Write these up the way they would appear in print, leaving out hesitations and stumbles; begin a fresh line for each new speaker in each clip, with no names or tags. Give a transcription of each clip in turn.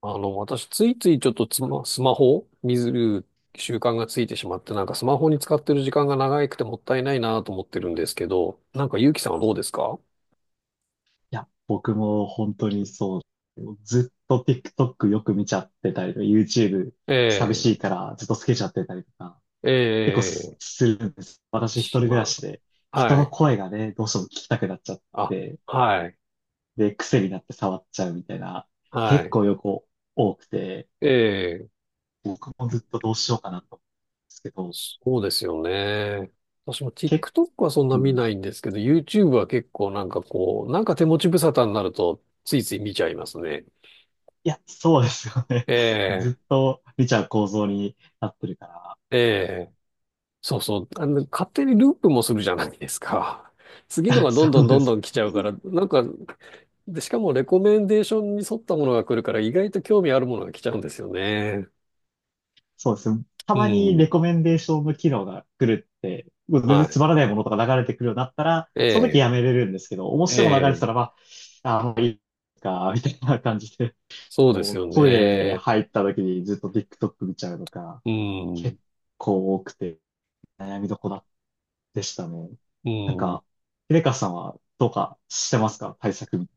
私、ついついちょっとスマホを見る習慣がついてしまって、なんかスマホに使ってる時間が長くてもったいないなと思ってるんですけど、なんか、ゆうきさんはどうですか？
いや、僕も本当にそう。ずっと TikTok よく見ちゃってたりとか、YouTube 寂し
え
いからずっとつけちゃってたりとか、
え、え
結構す
え、
するんです。私一人
し
暮ら
ま、
しで、人
は
の
い。
声がね、どうしても聞きたくなっちゃっ
あ、
て、
はい、
で、癖になって触っちゃうみたいな、
は
結
い。
構横多くて、
ええ、
僕もずっとどうしようかなと思うんですけど、
そうですよね。私も
け、
TikTok はそんな
う
見
ん。
ないんですけど、YouTube は結構なんかこう、なんか手持ち無沙汰になると、ついつい見ちゃいますね。
いや、そうですよね。
え え、
ずっと見ちゃう構造になってるから、
えそうそう。あの、勝手にループもするじゃないですか。次の がど
そ
んどん
う
ど
で
んど
す。
ん来ちゃうから、なんか、で、しかもレコメンデーションに沿ったものが来るから、意外と興味あるものが来ちゃうんですよね。
そうですね。た
う
まにレ
ん。
コメンデーションの機能が来るって、もう全
は
然つ
い。
まらないものとか流れてくるようになったら、その時
え
やめれるんですけど、面
え、え
白いの流れてた
え、
ら、まあ、もういいか、みたいな感じで、
そうで
も
す
う
よ
トイレ
ね。
入った時にずっと TikTok 見ちゃうのか、
う
結
ん。
構多くて悩みどこだでしたね。
う
なん
ん。
か、レカさんはどうかしてますか対策み、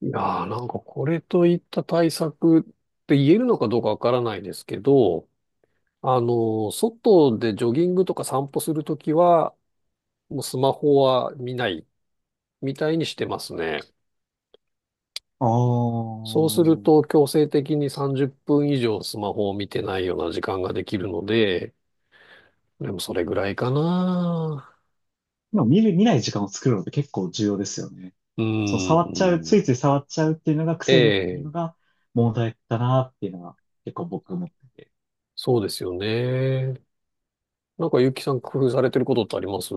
いやー、なんかこれといった対策って言えるのかどうかわからないですけど、あの、外でジョギングとか散歩するときは、もうスマホは見ないみたいにしてますね。
あ
そうする
ー、
と強制的に30分以上スマホを見てないような時間ができるので、でもそれぐらいかな。
今見る、見ない時間を作るのって結構重要ですよね。
う
その触っちゃう、
ー
ついつ
ん。
い触っちゃうっていうのが
え
癖になってる
え、
のが問題だなっていうのは結構僕思ってて。
そうですよね。なんかゆきさん工夫されてることってあります？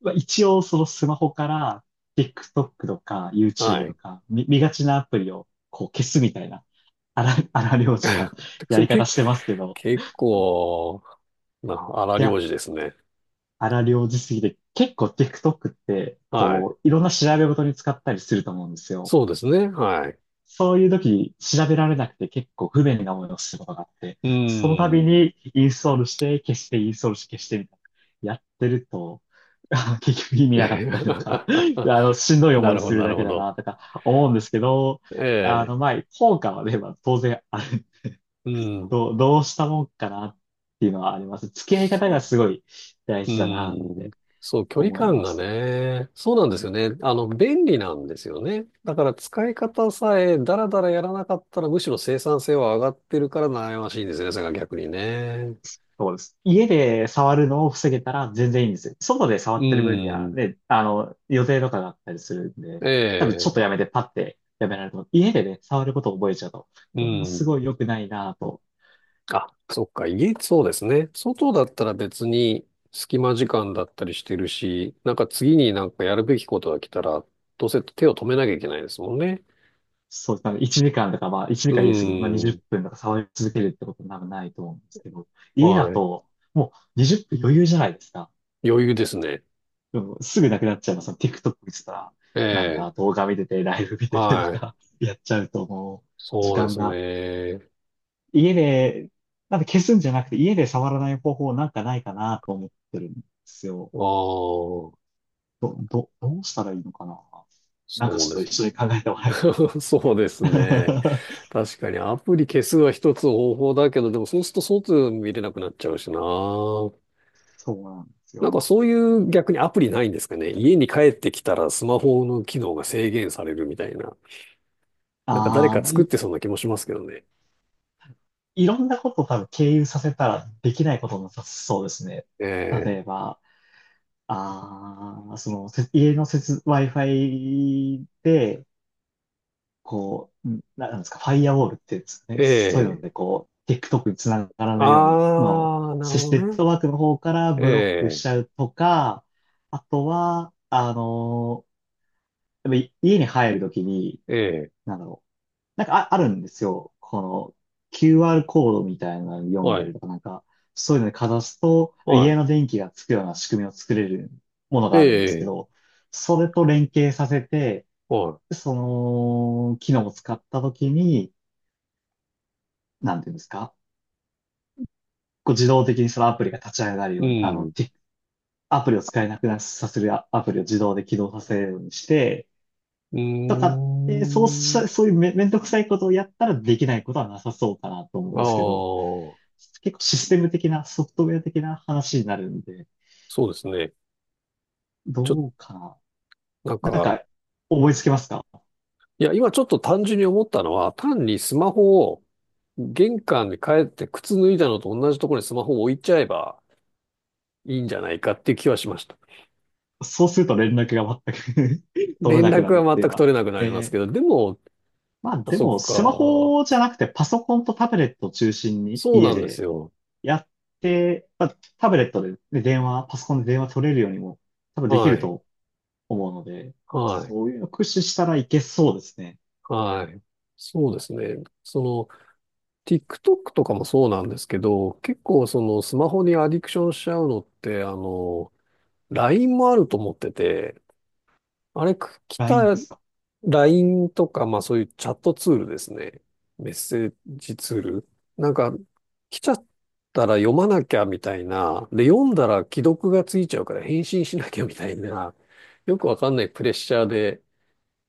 まあ、一応そのスマホから TikTok とか
は
YouTube と
い。
か見がちなアプリをこう消すみたいな荒療治な や
それ
り方
け
してますけど、
結構な荒
い
療
や、
治ですね。
荒療治すぎて結構 TikTok って
はい。
こういろんな調べ事に使ったりすると思うんですよ。
そうですね。はい。
そういう時調べられなくて結構不便な思いをすることがあって、
う
その度
ーん。
にインストールして消してインストールして消してみたいな。やってると、結局意味なかったりとか、しんどい
な
思い
るほど、
する
な
だ
る
け
ほ
だ
ど。
なとか思うんですけど、
ええ。
まあ、効果はね、まあ、当然ある。
うん。
どう、どうしたもんかなっていうのはあります。付き合い方がすごい大
う
事だなっ
ん。
て
そう、距離
思い
感
ま
が
す。
ね、そうなんですよね。あの、便利なんですよね。だから使い方さえダラダラやらなかったらむしろ生産性は上がってるから悩ましいんですよね、それが逆にね。
そうです。家で触るのを防げたら全然いいんですよ。外で触
う
ってる分には、
ん。
ね、予定とかがあったりするんで、
え
多分ちょっ
え、
とやめてパッてやめられると思う。家でね、触ることを覚えちゃうと、
う
これもす
ん。
ごい良くないなぁと。
あ、そっか、家、そうですね。外だったら別に隙間時間だったりしてるし、なんか次になんかやるべきことが来たら、どうせ手を止めなきゃいけないですもんね。
そう、なので1時間とか、まあ1
う
時間言い過ぎて、まあ20
ん。
分とか触り続けるってことは多分ないと思うんですけど、家だ
はい。
ともう20分余裕じゃないですか。
余裕ですね。
でもすぐなくなっちゃいます。TikTok 見てたら、なん
え
だ、
え、
動画見てて、ライブ見ててと
はい。
か、やっちゃうと時
そうで
間
す
が
ね。
家で、なんで消すんじゃなくて、家で触らない方法なんかないかなと思ってるんですよ。
ああ、
どうしたらいいのかな、なんか
そ
ち
うで
ょっ
す。
と一緒に考えてもらえ。
そうですね。確かにアプリ消すは一つ方法だけど、でもそうすると外見れなくなっちゃうしな。
そうなんです
なんか
よ。
そういう逆にアプリないんですかね。家に帰ってきたらスマホの機能が制限されるみたいな。なんか誰
ああ、
か
まあ、
作っ
い、
てそうな気もしますけどね。
いろんなことを多分経由させたらできないこともなさそうですね。例え
え
ば、家のWi-Fi で、こう、なんですか、ファイアウォールって言うんですか
え、
ね。そういうの
ええ。
で、こう、TikTok につながらないように、まあ、
ああ、なる
シ
ほ
ステムネ
ど
ッ
ね。
トワークの方から
え
ブロックし
え、
ちゃうとか、あとは、やっぱ家に入るときに、
ええ、
なんだろう。あるんですよ。この QR コードみたいなの読ん
は
だり
い、
とか、なんか、そういうのにかざすと、家
は
の電気がつくような仕組みを作れるもの
い、え
があるんですけ
え、
ど、それと連携させて、
は
その機能を使ったときに、なんていうんですか、こう自動的にそのアプリが立ち上がる
い、
ように、
うん。
アプリを使えなくなさせるアプリを自動で起動させるようにして、
うー
とかって、そうし
ん。
た、そういうめんどくさいことをやったらできないことはなさそうかなと思うん
あ
ですけど、
あ、
結構システム的な、ソフトウェア的な話になるんで、
そうですね。ちょ、
どうか
なん
な。なん
か、
か、思いつきますか？
いや、今ちょっと単純に思ったのは、単にスマホを玄関に帰って靴脱いだのと同じところにスマホを置いちゃえばいいんじゃないかっていう気はしました。
そうすると連絡が全く 取れ
連
なくな
絡
るっ
は
ていう
全く
のは。
取れなくなります
え
けど、
ー、
でも、
まあ
あ、
で
そっ
も、スマ
か。
ホじゃなくてパソコンとタブレットを中心に
そう
家
なんです
で
よ。
やって、まあ、タブレットでね、で電話、パソコンで電話取れるようにも多分でき
は
る
い。
と思うので、
はい。
そういうの駆使したらいけそうですね。
はい。そうですね。その、TikTok とかもそうなんですけど、結構そのスマホにアディクションしちゃうのって、あの、LINE もあると思ってて、あれ、来
LINE
た、
ですか。
LINE とか、まあそういうチャットツールですね。メッセージツール。なんか、来ちゃったら読まなきゃみたいな。で、読んだら既読がついちゃうから返信しなきゃみたいな。よくわかんないプレッシャーで、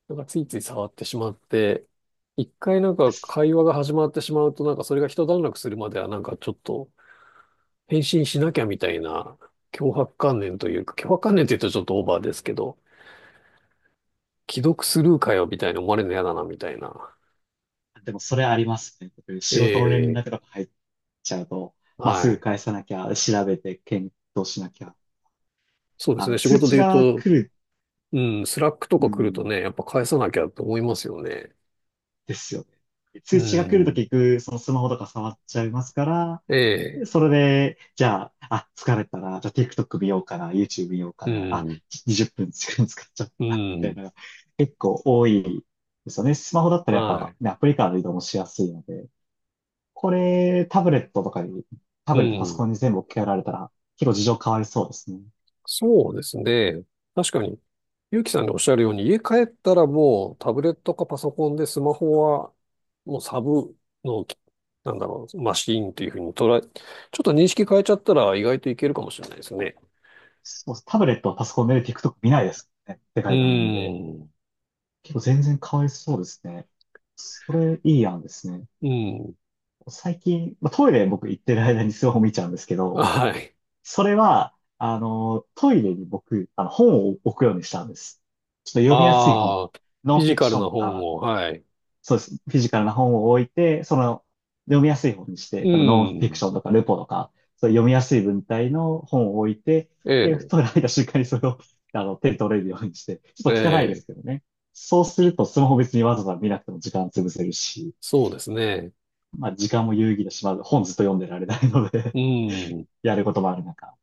なんかついつい触ってしまって、一回なんか会 話が始まってしまうと、なんかそれが一段落するまではなんかちょっと返信しなきゃみたいな脅迫観念というか、脅迫観念って言うとちょっとオーバーですけど、既読スルーかよ、みたいに思われるの嫌だな、みたいな。
でもそれありますね。
え
仕事の連
え、
絡とか入っちゃうと、まあ、す
は
ぐ
い。
返さなきゃ、調べて検討しなきゃ。
そうですね。仕
通
事で
知
言う
が
と、
来る、
うん、スラックと
う
か来ると
ん、
ね、やっぱ返さなきゃと思いますよね。
ですよね。
う
通知が来ると
ん。
結局、そのスマホとか触っちゃいますから、
ええ、
それで、じゃあ、あ、疲れたな。じゃあ TikTok 見ようかな。YouTube 見ようか
う
な。あ、
ん、
20分使っちゃっ
う
たなみ
ん、
たいな、結構多いですよね。スマホだったらやっ
は
ぱ、ね、アプリからの移動もしやすいので、これ、タブレットとかに、タ
い。う
ブレットパソコ
ん。
ンに全部置き換えられたら、結構事情変わりそうですね。
そうですね。確かに、ゆうきさんがおっしゃるように、家帰ったらもうタブレットかパソコンでスマホはもうサブの、なんだろう、マシーンというふうに捉え、ちょっと認識変えちゃったら意外といけるかもしれないですね。
そう、タブレットパソコンで TikTok 見ないですね。で
う
かい画面で。
ん。
結構全然変わりそうですね。それ、いい案ですね。
うん。
最近、まあ、トイレ僕行ってる間にスマホ見ちゃうんですけど、
はい。
それは、あの、トイレに僕、あの、本を置くようにしたんです。ちょっと読みやすい本。
ああ、フ
ノン
ィ
フ
ジ
ィク
カ
シ
ル
ョン
な
と
本
か、
を、はい。
そうです。フィジカルな本を置いて、その、読みやすい本にして、
う
だからノンフィク
ん。
ションとかルポとか、そういう読みやすい文体の本を置いて、で、
え
トイレ入った瞬間にそれを、手に取れるようにして、ちょ
え、
っと汚いで
ええ、
すけどね。そうすると、スマホ別にわざわざ見なくても時間潰せるし、
そうですね。
まあ、時間も有意義だし、まあ、本ずっと読んでられないので
う ん。
やることもある中。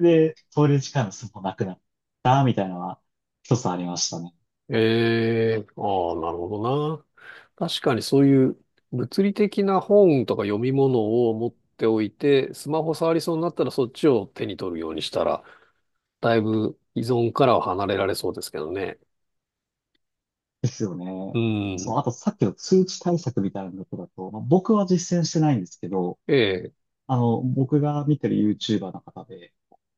で、通れる時間がすもなくなったみたいなのは一つありましたね。
ええ、ああ、なるほどな。確かにそういう物理的な本とか読み物を持っておいて、スマホ触りそうになったらそっちを手に取るようにしたら、だいぶ依存からは離れられそうですけどね。
ですよ
う
ね。そう、
ん。
あとさっきの通知対策みたいなことだと、まあ、僕は実践してないんですけど、
ええ、
僕が見てる YouTuber の方で、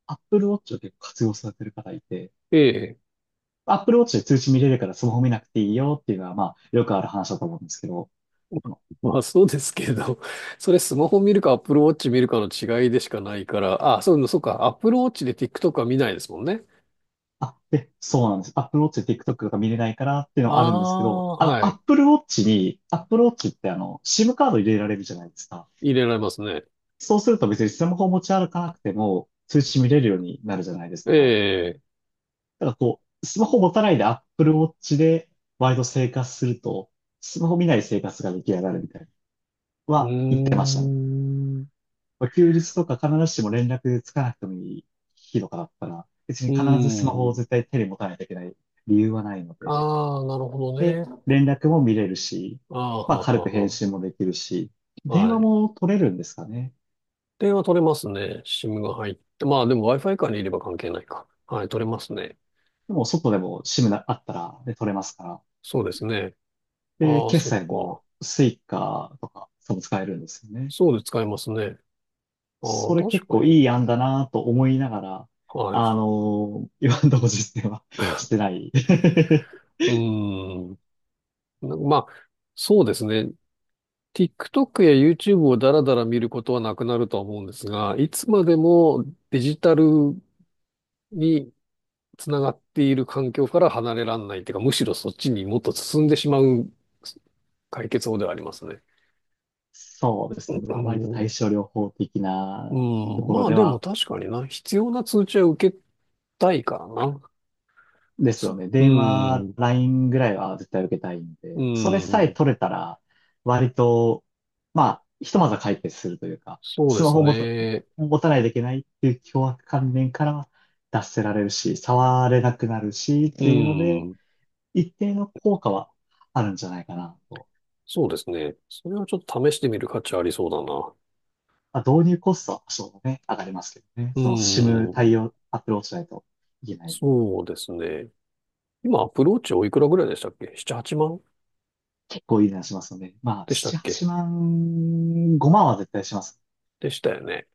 Apple Watch を結構活用されてる方いて、
ええ。
Apple Watch で通知見れるからスマホ見なくていいよっていうのは、まあ、よくある話だと思うんですけど、あの、
まあそうですけど、それスマホ見るか Apple Watch 見るかの違いでしかないから、あ、そう、そうか、Apple Watch で TikTok は見ないですもんね。
あ、で、そうなんです。Apple Watch で TikTok とか見れないからっていう
あ
のはあるんですけど、
あ、はい。
Apple Watch ってあの、SIM カード入れられるじゃないですか。
入れられますね。
そうすると別にスマホを持ち歩かなくても通知見れるようになるじゃないです
え
か。
え、
だからこう、スマホ持たないで Apple Watch でワイド生活すると、スマホ見ない生活が出来上がるみたいな、
うー
は言ってましたね。
ん、う
まあ休日とか必ずしも連絡つかなくてもいい日とかだったら、別に
ー
必ずスマホを
ん。
絶対手に持たないといけない理由はないので、
ああ、なるほど
で、
ね。
連絡も見れるし、
ああ、
まあ
は
軽く
は
返
は
信もできるし、
は。
電
は
話
い。
も取れるんですかね。
電話取れますね。SIM が入って。まあでも Wi-Fi からにいれば関係ないか。はい、取れますね。
でも外でも SIM なあったら、で取れますから、
そうですね。
で、
ああ、
決
そっ
済
か。
もスイカとか、そう使えるんですよね。
そうで使えますね。ああ、
それ
確
結
か
構い
に。
い案だなと思いながら、
はい。
今のところ実践は してない。
うーん。まあ、そうですね。TikTok や YouTube をだらだら見ることはなくなるとは思うんですが、いつまでもデジタルにつながっている環境から離れらんないというか、むしろそっちにもっと進んでしまう解決法ではありますね。
そうですね。
う
まあ、割と
ん、う
対症療法的なと
ん、
ころ
まあ
で
でも
は
確かにな、必要な通知は受けたいからな。
ですよ
そ
ね。
う
電話、
ん、
LINE ぐらいは絶対受けたいん
う
で、それさえ
ん、
取れたら、割と、まあ、ひとまずは解決するというか、
そう
ス
で
マ
す
ホを持た、
ね。
持たないといけないっていう凶悪観念からは脱せられるし、触れなくなるしっ
う
ていうので、
ん。
一定の効果はあるんじゃないかなと。
そうですね。それはちょっと試してみる価値ありそうだな。
まあ、導入コストは多少ね、上がりますけどね。
う
その SIM
ーん。
対応、Apple Watch しないといけない。
そうですね。今、アプローチおいくらぐらいでしたっけ？ 7、8万
結構いい値段しますので、まあ、7、
でしたっ
8
け？
万、5万は絶対しますね。
でしたよね。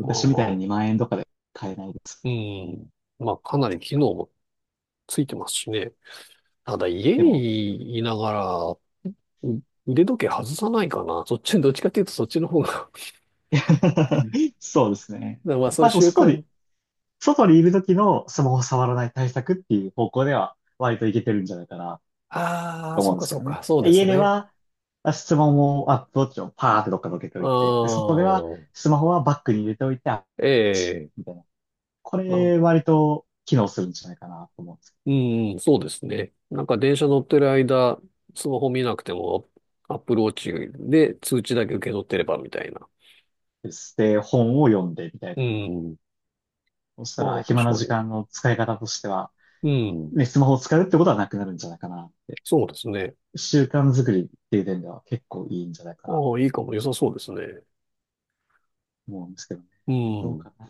まあ
みたい
ま
に
あ。
2万円とかで買えないです。
うん。まあ、かなり機能もついてますしね。ただ、家
でも、
にいながら、腕時計外さないかな。そっち、どっちかっていうとそっちの方が だか
そうですね。
ら まあ、そ
ま
れ
あ、でも
習
外
慣。
に、外にいる時のスマホ触らない対策っていう方向では、割といけてるんじゃないかなっ
あ
て
あ、
思
そ
う
う
んで
か
すけ
そう
どね。
か。そうで
家
す
で
ね。
は、まあ質問を、アップウォッチをパーってどっかどけて
あ
おいて、で、外では、
あ、
スマホはバッグに入れておいて、あ
ええ。
みたいな。こ
な
れ、割と機能するんじゃないかなと思うんです
うん、そうですね。なんか電車乗ってる間、スマホ見なくても、アップルウォッチで通知だけ受け取ってればみたいな。
けど。で、本を読んで、みたいな。
うん。
そした
あ
ら、
あ、
暇
確
な
か
時間
に。
の使い方としては、
うん。
ね、スマホを使うってことはなくなるんじゃないかなって
そうですね。
習慣作りっていう点では結構いいんじゃないか
あ
なと
あ、いいかも。良さそうですね。
思うんですけどね。
う
どう
ん。
かな。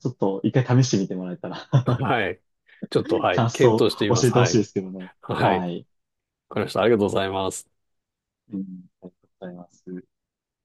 ちょっと一回試してみてもらえたら
はい。ちょっと、はい。
感想
検
を
討してみま
教
す。
えてほ
は
しい
い。
ですけどね。
はい。
はい。
わかりました。ありがとうございます。
うん、ありがとうございます。